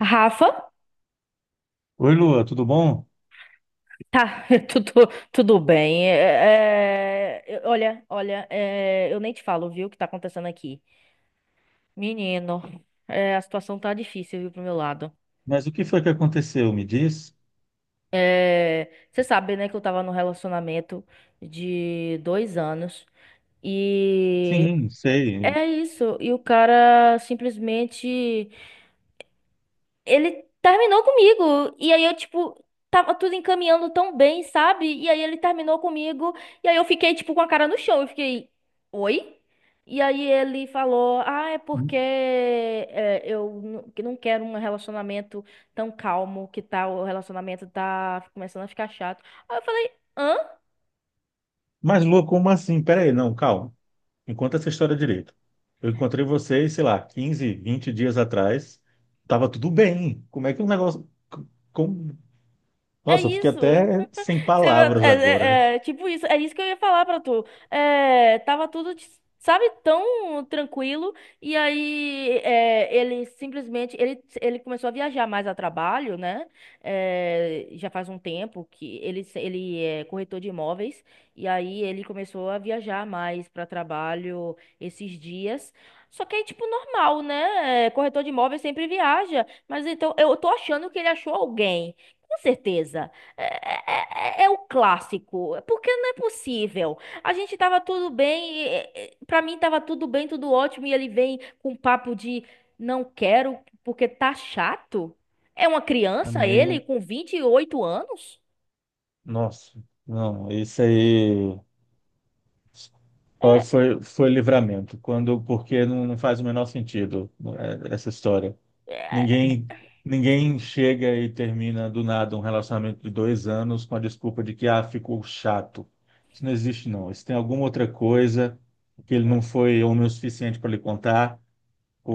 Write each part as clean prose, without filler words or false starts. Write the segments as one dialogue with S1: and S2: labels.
S1: Rafa,
S2: Oi, Lua, tudo bom?
S1: tá, tudo bem. Olha, eu nem te falo, viu, o que tá acontecendo aqui. Menino, a situação tá difícil, viu, pro meu lado.
S2: Mas o que foi que aconteceu? Me diz?
S1: Você sabe, né, que eu tava num relacionamento de 2 anos e
S2: Sim, sei.
S1: é isso. E o cara simplesmente ele terminou comigo. E aí eu, tipo, tava tudo encaminhando tão bem, sabe? E aí ele terminou comigo. E aí eu fiquei, tipo, com a cara no chão. Eu fiquei, oi? E aí ele falou, ah, é porque que não quero um relacionamento tão calmo, que tal, o relacionamento tá começando a ficar chato. Aí eu falei, hã?
S2: Mas, Lua, como assim? Pera aí, não, calma. Me conta essa história direito. Eu encontrei vocês, sei lá, 15, 20 dias atrás. Tava tudo bem. Como é que o negócio. Como...
S1: É
S2: Nossa, eu fiquei
S1: isso?
S2: até sem
S1: Você vê,
S2: palavras agora.
S1: é, tipo isso, é isso que eu ia falar pra tu. Tava tudo, sabe, tão tranquilo. E aí ele simplesmente ele começou a viajar mais a trabalho, né? Já faz um tempo que ele, se- ele é corretor de imóveis. E aí ele começou a viajar mais pra trabalho esses dias. Só que é tipo normal, né? Corretor de imóveis sempre viaja. Mas então eu tô achando que ele achou alguém. Com certeza. É o clássico, porque não é possível. A gente tava tudo bem, pra mim tava tudo bem, tudo ótimo, e ele vem com um papo de não quero porque tá chato. É uma criança
S2: Amiga,
S1: ele com 28 anos?
S2: nossa, não, isso aí foi livramento. Quando, porque não faz o menor sentido essa história. Ninguém, ninguém chega e termina do nada um relacionamento de dois anos com a desculpa de que ficou chato. Isso não existe, não. Isso tem alguma outra coisa que ele não foi homem o suficiente para lhe contar,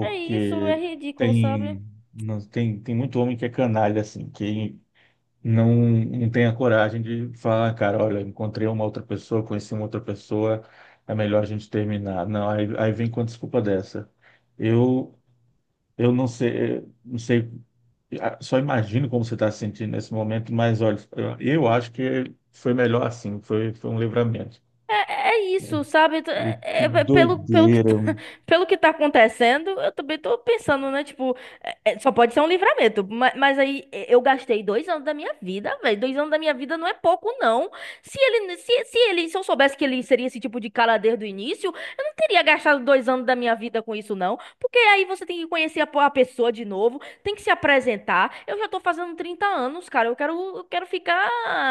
S1: É isso, é ridículo, sabe?
S2: tem, não, tem, tem muito homem que é canalha, assim, que não tem a coragem de falar, "Ah, cara, olha, encontrei uma outra pessoa, conheci uma outra pessoa, é melhor a gente terminar. Não, aí vem com a desculpa dessa. Eu, eu não sei só imagino como você está se sentindo nesse momento, mas olha, eu acho que foi melhor assim, foi um livramento.
S1: É isso, sabe?
S2: E que doideira.
S1: Pelo que tá acontecendo, eu também tô pensando, né? Tipo, só pode ser um livramento. Mas aí eu gastei 2 anos da minha vida, velho. Dois anos da minha vida não é pouco, não. Se eu soubesse que ele seria esse tipo de cara desde o início, eu não teria gastado 2 anos da minha vida com isso, não. Porque aí você tem que conhecer a pessoa de novo, tem que se apresentar. Eu já tô fazendo 30 anos, cara. Eu quero ficar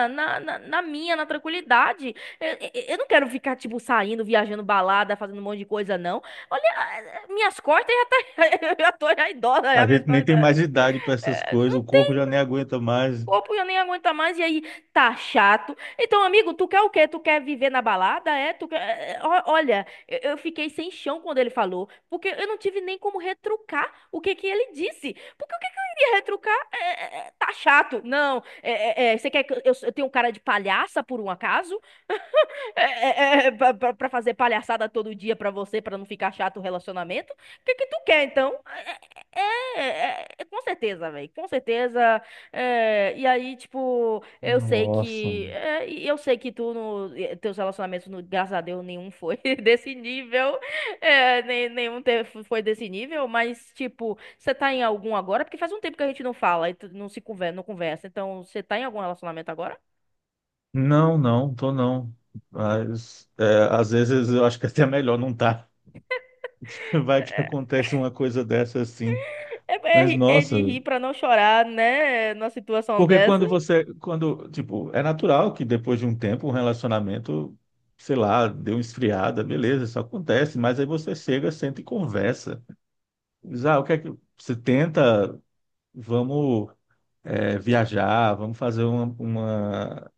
S1: na tranquilidade. Eu, eu não quero ficar, tipo, saindo, viajando balada, fazendo um monte de coisa, não. Olha, minhas costas já tá. Eu já tô já idosa, já
S2: A
S1: minhas
S2: gente nem
S1: costas.
S2: tem mais idade para essas coisas,
S1: Não
S2: o corpo
S1: tem
S2: já nem aguenta mais.
S1: corpo, eu nem aguento mais. E aí, tá chato. Então, amigo, tu quer o quê? Tu quer viver na balada? É? Tu quer... Olha, eu fiquei sem chão quando ele falou. Porque eu não tive nem como retrucar o que que ele disse. Porque o que que eu iria retrucar? Tá chato. Não. Você quer que eu tenha um cara de palhaça, por um acaso? Pra fazer palhaçada todo dia pra você, pra não ficar chato o relacionamento? O que que tu quer, então? É, é, é, com certeza, velho. Com certeza. E aí, tipo, eu sei
S2: Nossa.
S1: que... E eu sei que tu, no, e- teus relacionamentos, no, graças a Deus, nenhum foi desse nível. É, nem, Nenhum teve, foi desse nível, mas, tipo, você tá em algum agora? Porque faz um tempo que a gente não fala e tu não se conversa, não conversa. Então, você tá em algum relacionamento agora?
S2: Não, não, tô não. Mas é, às vezes eu acho que até é melhor não tá. Vai que acontece uma coisa dessa assim.
S1: É, é
S2: Mas
S1: ri- é
S2: nossa,
S1: de rir pra não chorar, né? Numa situação
S2: porque
S1: dessa.
S2: quando você, quando, tipo, é natural que depois de um tempo um relacionamento, sei lá, deu uma esfriada, beleza, isso acontece, mas aí você chega, senta e conversa. Diz, ah, o que é que você tenta, vamos viajar, vamos fazer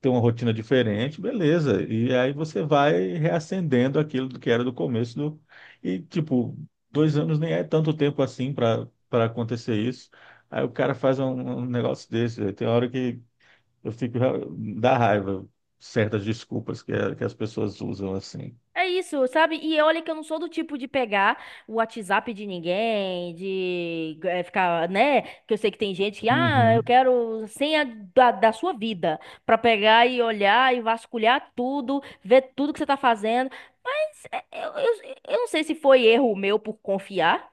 S2: ter uma rotina diferente, beleza. E aí você vai reacendendo aquilo que era do começo do, e tipo, dois anos nem é tanto tempo assim para acontecer isso. Aí o cara faz um, um negócio desse, velho. Tem hora que eu fico, dá raiva certas desculpas que as pessoas usam assim.
S1: É isso, sabe? E olha que eu não sou do tipo de pegar o WhatsApp de ninguém, de ficar, né? Que eu sei que tem gente que, ah, eu
S2: Uhum.
S1: quero senha da sua vida, pra pegar e olhar e vasculhar tudo, ver tudo que você tá fazendo. Mas, eu não sei se foi erro meu por confiar.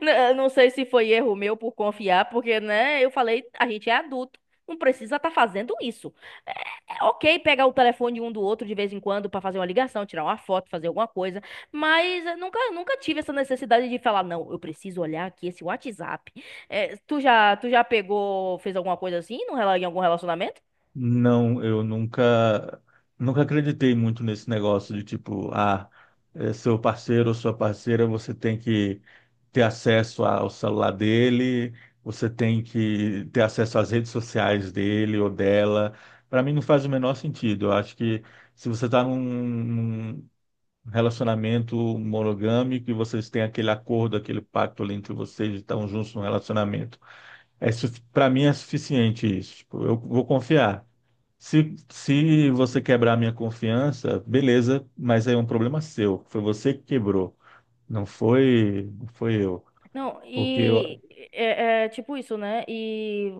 S1: Não sei se foi erro meu por confiar, porque, né, eu falei, a gente é adulto, não precisa estar fazendo isso. É, É ok pegar o telefone um do outro de vez em quando para fazer uma ligação, tirar uma foto, fazer alguma coisa, mas eu nunca tive essa necessidade de falar, não, eu preciso olhar aqui esse WhatsApp. Tu já pegou, fez alguma coisa assim no, rela- em algum relacionamento?
S2: Não, eu nunca, nunca acreditei muito nesse negócio de tipo, ah, é seu parceiro ou sua parceira, você tem que ter acesso ao celular dele, você tem que ter acesso às redes sociais dele ou dela. Para mim não faz o menor sentido. Eu acho que se você está num, um relacionamento monogâmico e vocês têm aquele acordo, aquele pacto ali entre vocês e estão juntos no relacionamento. É, para mim é suficiente isso. Tipo, eu vou confiar. Se você quebrar a minha confiança, beleza, mas aí é um problema seu. Foi você que quebrou. Não foi eu.
S1: Não.
S2: Porque
S1: E
S2: eu,
S1: é tipo isso, né? E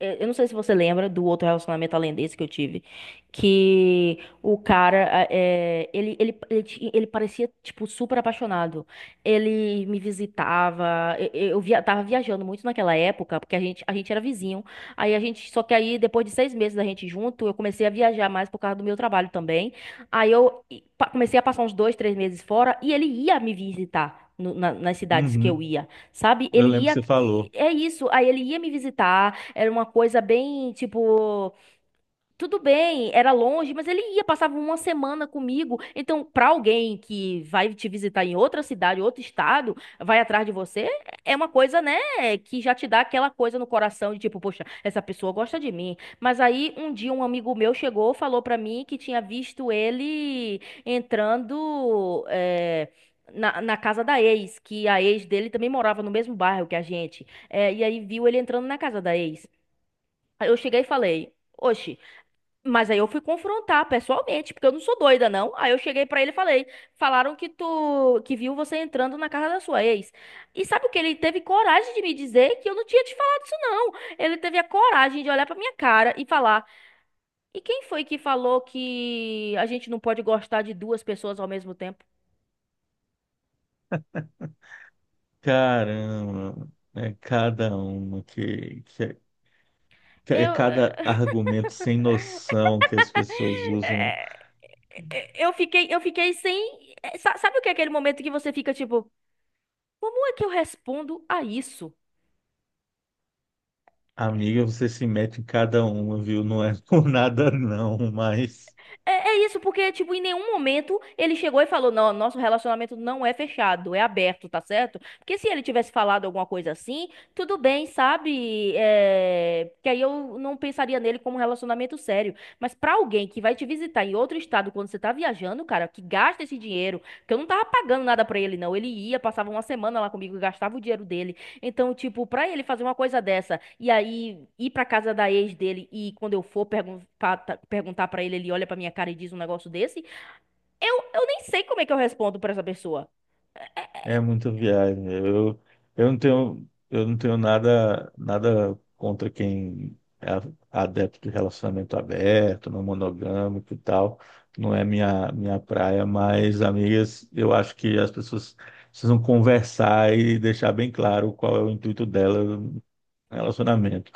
S1: eu não sei se você lembra do outro relacionamento além desse que eu tive, que o cara, ele parecia, tipo, super apaixonado. Ele me visitava, eu via, tava viajando muito naquela época, porque a gente era vizinho. Só que aí, depois de 6 meses da gente junto, eu comecei a viajar mais por causa do meu trabalho também. Aí eu e, pa- Comecei a passar uns 2, 3 meses fora e ele ia me visitar nas cidades que
S2: uhum,
S1: eu ia, sabe?
S2: eu
S1: Ele
S2: lembro que
S1: ia.
S2: você falou.
S1: É isso. Aí ele ia me visitar. Era uma coisa bem, tipo. Tudo bem, era longe, mas ele ia, passava uma semana comigo. Então, para alguém que vai te visitar em outra cidade, outro estado, vai atrás de você, é uma coisa, né, que já te dá aquela coisa no coração de tipo, poxa, essa pessoa gosta de mim. Mas aí, um dia, um amigo meu chegou, falou para mim que tinha visto ele entrando, na casa da ex, que a ex dele também morava no mesmo bairro que a gente. E aí viu ele entrando na casa da ex. Aí eu cheguei e falei: "Oxe", mas aí eu fui confrontar pessoalmente, porque eu não sou doida, não. Aí eu cheguei pra ele e falei: "Falaram que tu que viu você entrando na casa da sua ex." E sabe o que ele teve coragem de me dizer, que eu não tinha te falado isso, não. Ele teve a coragem de olhar pra minha cara e falar: "E quem foi que falou que a gente não pode gostar de duas pessoas ao mesmo tempo?"
S2: Caramba, é cada uma que é
S1: Eu
S2: cada argumento sem noção que as pessoas usam. Né?"
S1: é, eu fiquei sem... Sabe o que é aquele momento que você fica tipo: "Como é que eu respondo a isso?"
S2: Amiga, você se mete em cada uma, viu? Não é por nada não, mas
S1: É isso, porque, tipo, em nenhum momento ele chegou e falou: "Não, nosso relacionamento não é fechado, é aberto, tá certo?" Porque se ele tivesse falado alguma coisa assim, tudo bem, sabe? É... Que aí eu não pensaria nele como um relacionamento sério. Mas pra alguém que vai te visitar em outro estado quando você tá viajando, cara, que gasta esse dinheiro, que eu não tava pagando nada pra ele, não. Ele ia, passava uma semana lá comigo, gastava o dinheiro dele. Então, tipo, pra ele fazer uma coisa dessa e aí ir pra casa da ex dele, e quando eu for perguntar pra ele, ele olha pra minha cara e diz um negócio desse, eu nem sei como é que eu respondo pra essa pessoa.
S2: é muita viagem. Eu, eu não tenho nada, nada contra quem é a- adepto de relacionamento aberto, não monogâmico e tal. Não é minha praia, mas, amigas, eu acho que as pessoas precisam conversar e deixar bem claro qual é o intuito dela. Relacionamento.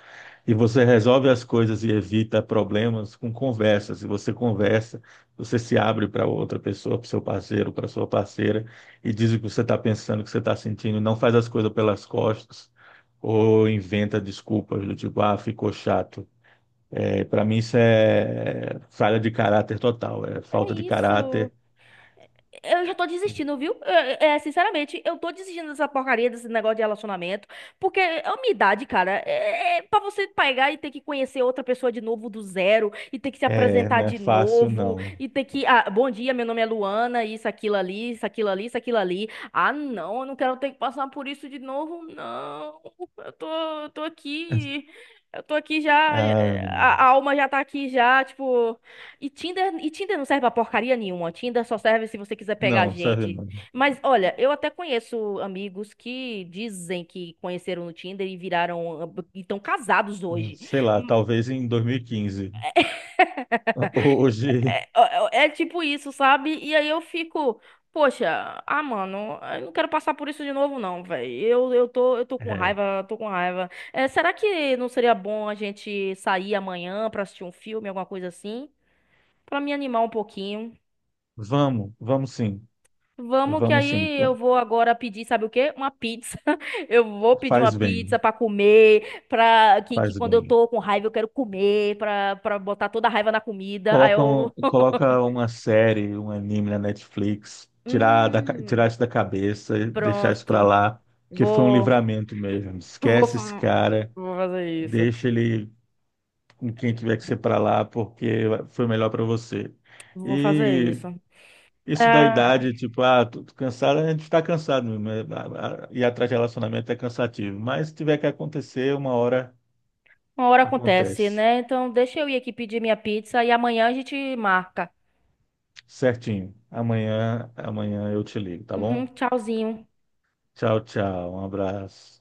S2: E você resolve as coisas e evita problemas com conversas. E você conversa, você se abre para outra pessoa, para seu parceiro, para sua parceira, e diz o que você está pensando, o que você está sentindo. Não faz as coisas pelas costas ou inventa desculpas do tipo, ah, ficou chato. É, para mim isso é falha de caráter total, é
S1: É
S2: falta de
S1: isso.
S2: caráter.
S1: Eu já tô desistindo, viu? Sinceramente, eu tô desistindo dessa porcaria, desse negócio de relacionamento. Porque é a minha idade, cara, é pra você pegar e ter que conhecer outra pessoa de novo do zero, e ter que se
S2: É,
S1: apresentar
S2: não é
S1: de
S2: fácil,
S1: novo,
S2: não.
S1: e ter que... Ah, bom dia, meu nome é Luana, isso, aquilo ali, isso, aquilo ali, isso, aquilo ali. Ah, não, eu não quero ter que passar por isso de novo, não. Eu tô, eu tô aqui. Eu tô aqui já.
S2: Ah,
S1: A alma já tá aqui já, tipo. E Tinder não serve pra porcaria nenhuma. Tinder só serve se você quiser pegar
S2: não, sabe,
S1: gente.
S2: não.
S1: Mas olha, eu até conheço amigos que dizem que conheceram no Tinder e viraram e estão casados hoje.
S2: Sei lá, talvez em 2015. Hoje,
S1: É, é tipo isso, sabe? E aí eu fico, poxa, ah, mano, eu não quero passar por isso de novo, não, velho. Eu tô com
S2: é,
S1: raiva, tô com raiva. Será que não seria bom a gente sair amanhã pra assistir um filme, alguma coisa assim? Pra me animar um pouquinho.
S2: vamos, vamos sim,
S1: Vamos, que
S2: vamos sim.
S1: aí eu vou agora pedir, sabe o quê? Uma pizza. Eu vou pedir uma
S2: Faz
S1: pizza
S2: bem,
S1: pra comer, que
S2: faz
S1: quando eu
S2: bem.
S1: tô com raiva eu quero comer, pra para botar toda a raiva na comida. Aí
S2: Coloca, um-
S1: eu
S2: coloca uma série, um anime na Netflix, tirar, da, ca- tirar
S1: hum,
S2: isso da cabeça, e deixar isso
S1: pronto.
S2: pra lá, porque foi um
S1: Vou
S2: livramento mesmo.
S1: vou
S2: Esquece esse
S1: fa-
S2: cara,
S1: Vou fazer isso.
S2: deixa ele com quem tiver que ser pra lá, porque foi melhor pra você.
S1: Vou fazer
S2: E
S1: isso.
S2: isso da
S1: É,
S2: idade, tipo, ah, tô cansado, a gente está cansado mesmo. Ir atrás de relacionamento é cansativo. Mas se tiver que acontecer, uma hora
S1: uma hora acontece,
S2: acontece.
S1: né? Então deixa eu ir aqui pedir minha pizza e amanhã a gente marca.
S2: Certinho. Amanhã eu te ligo, tá
S1: Uhum,
S2: bom?
S1: tchauzinho.
S2: Tchau, tchau. Um abraço.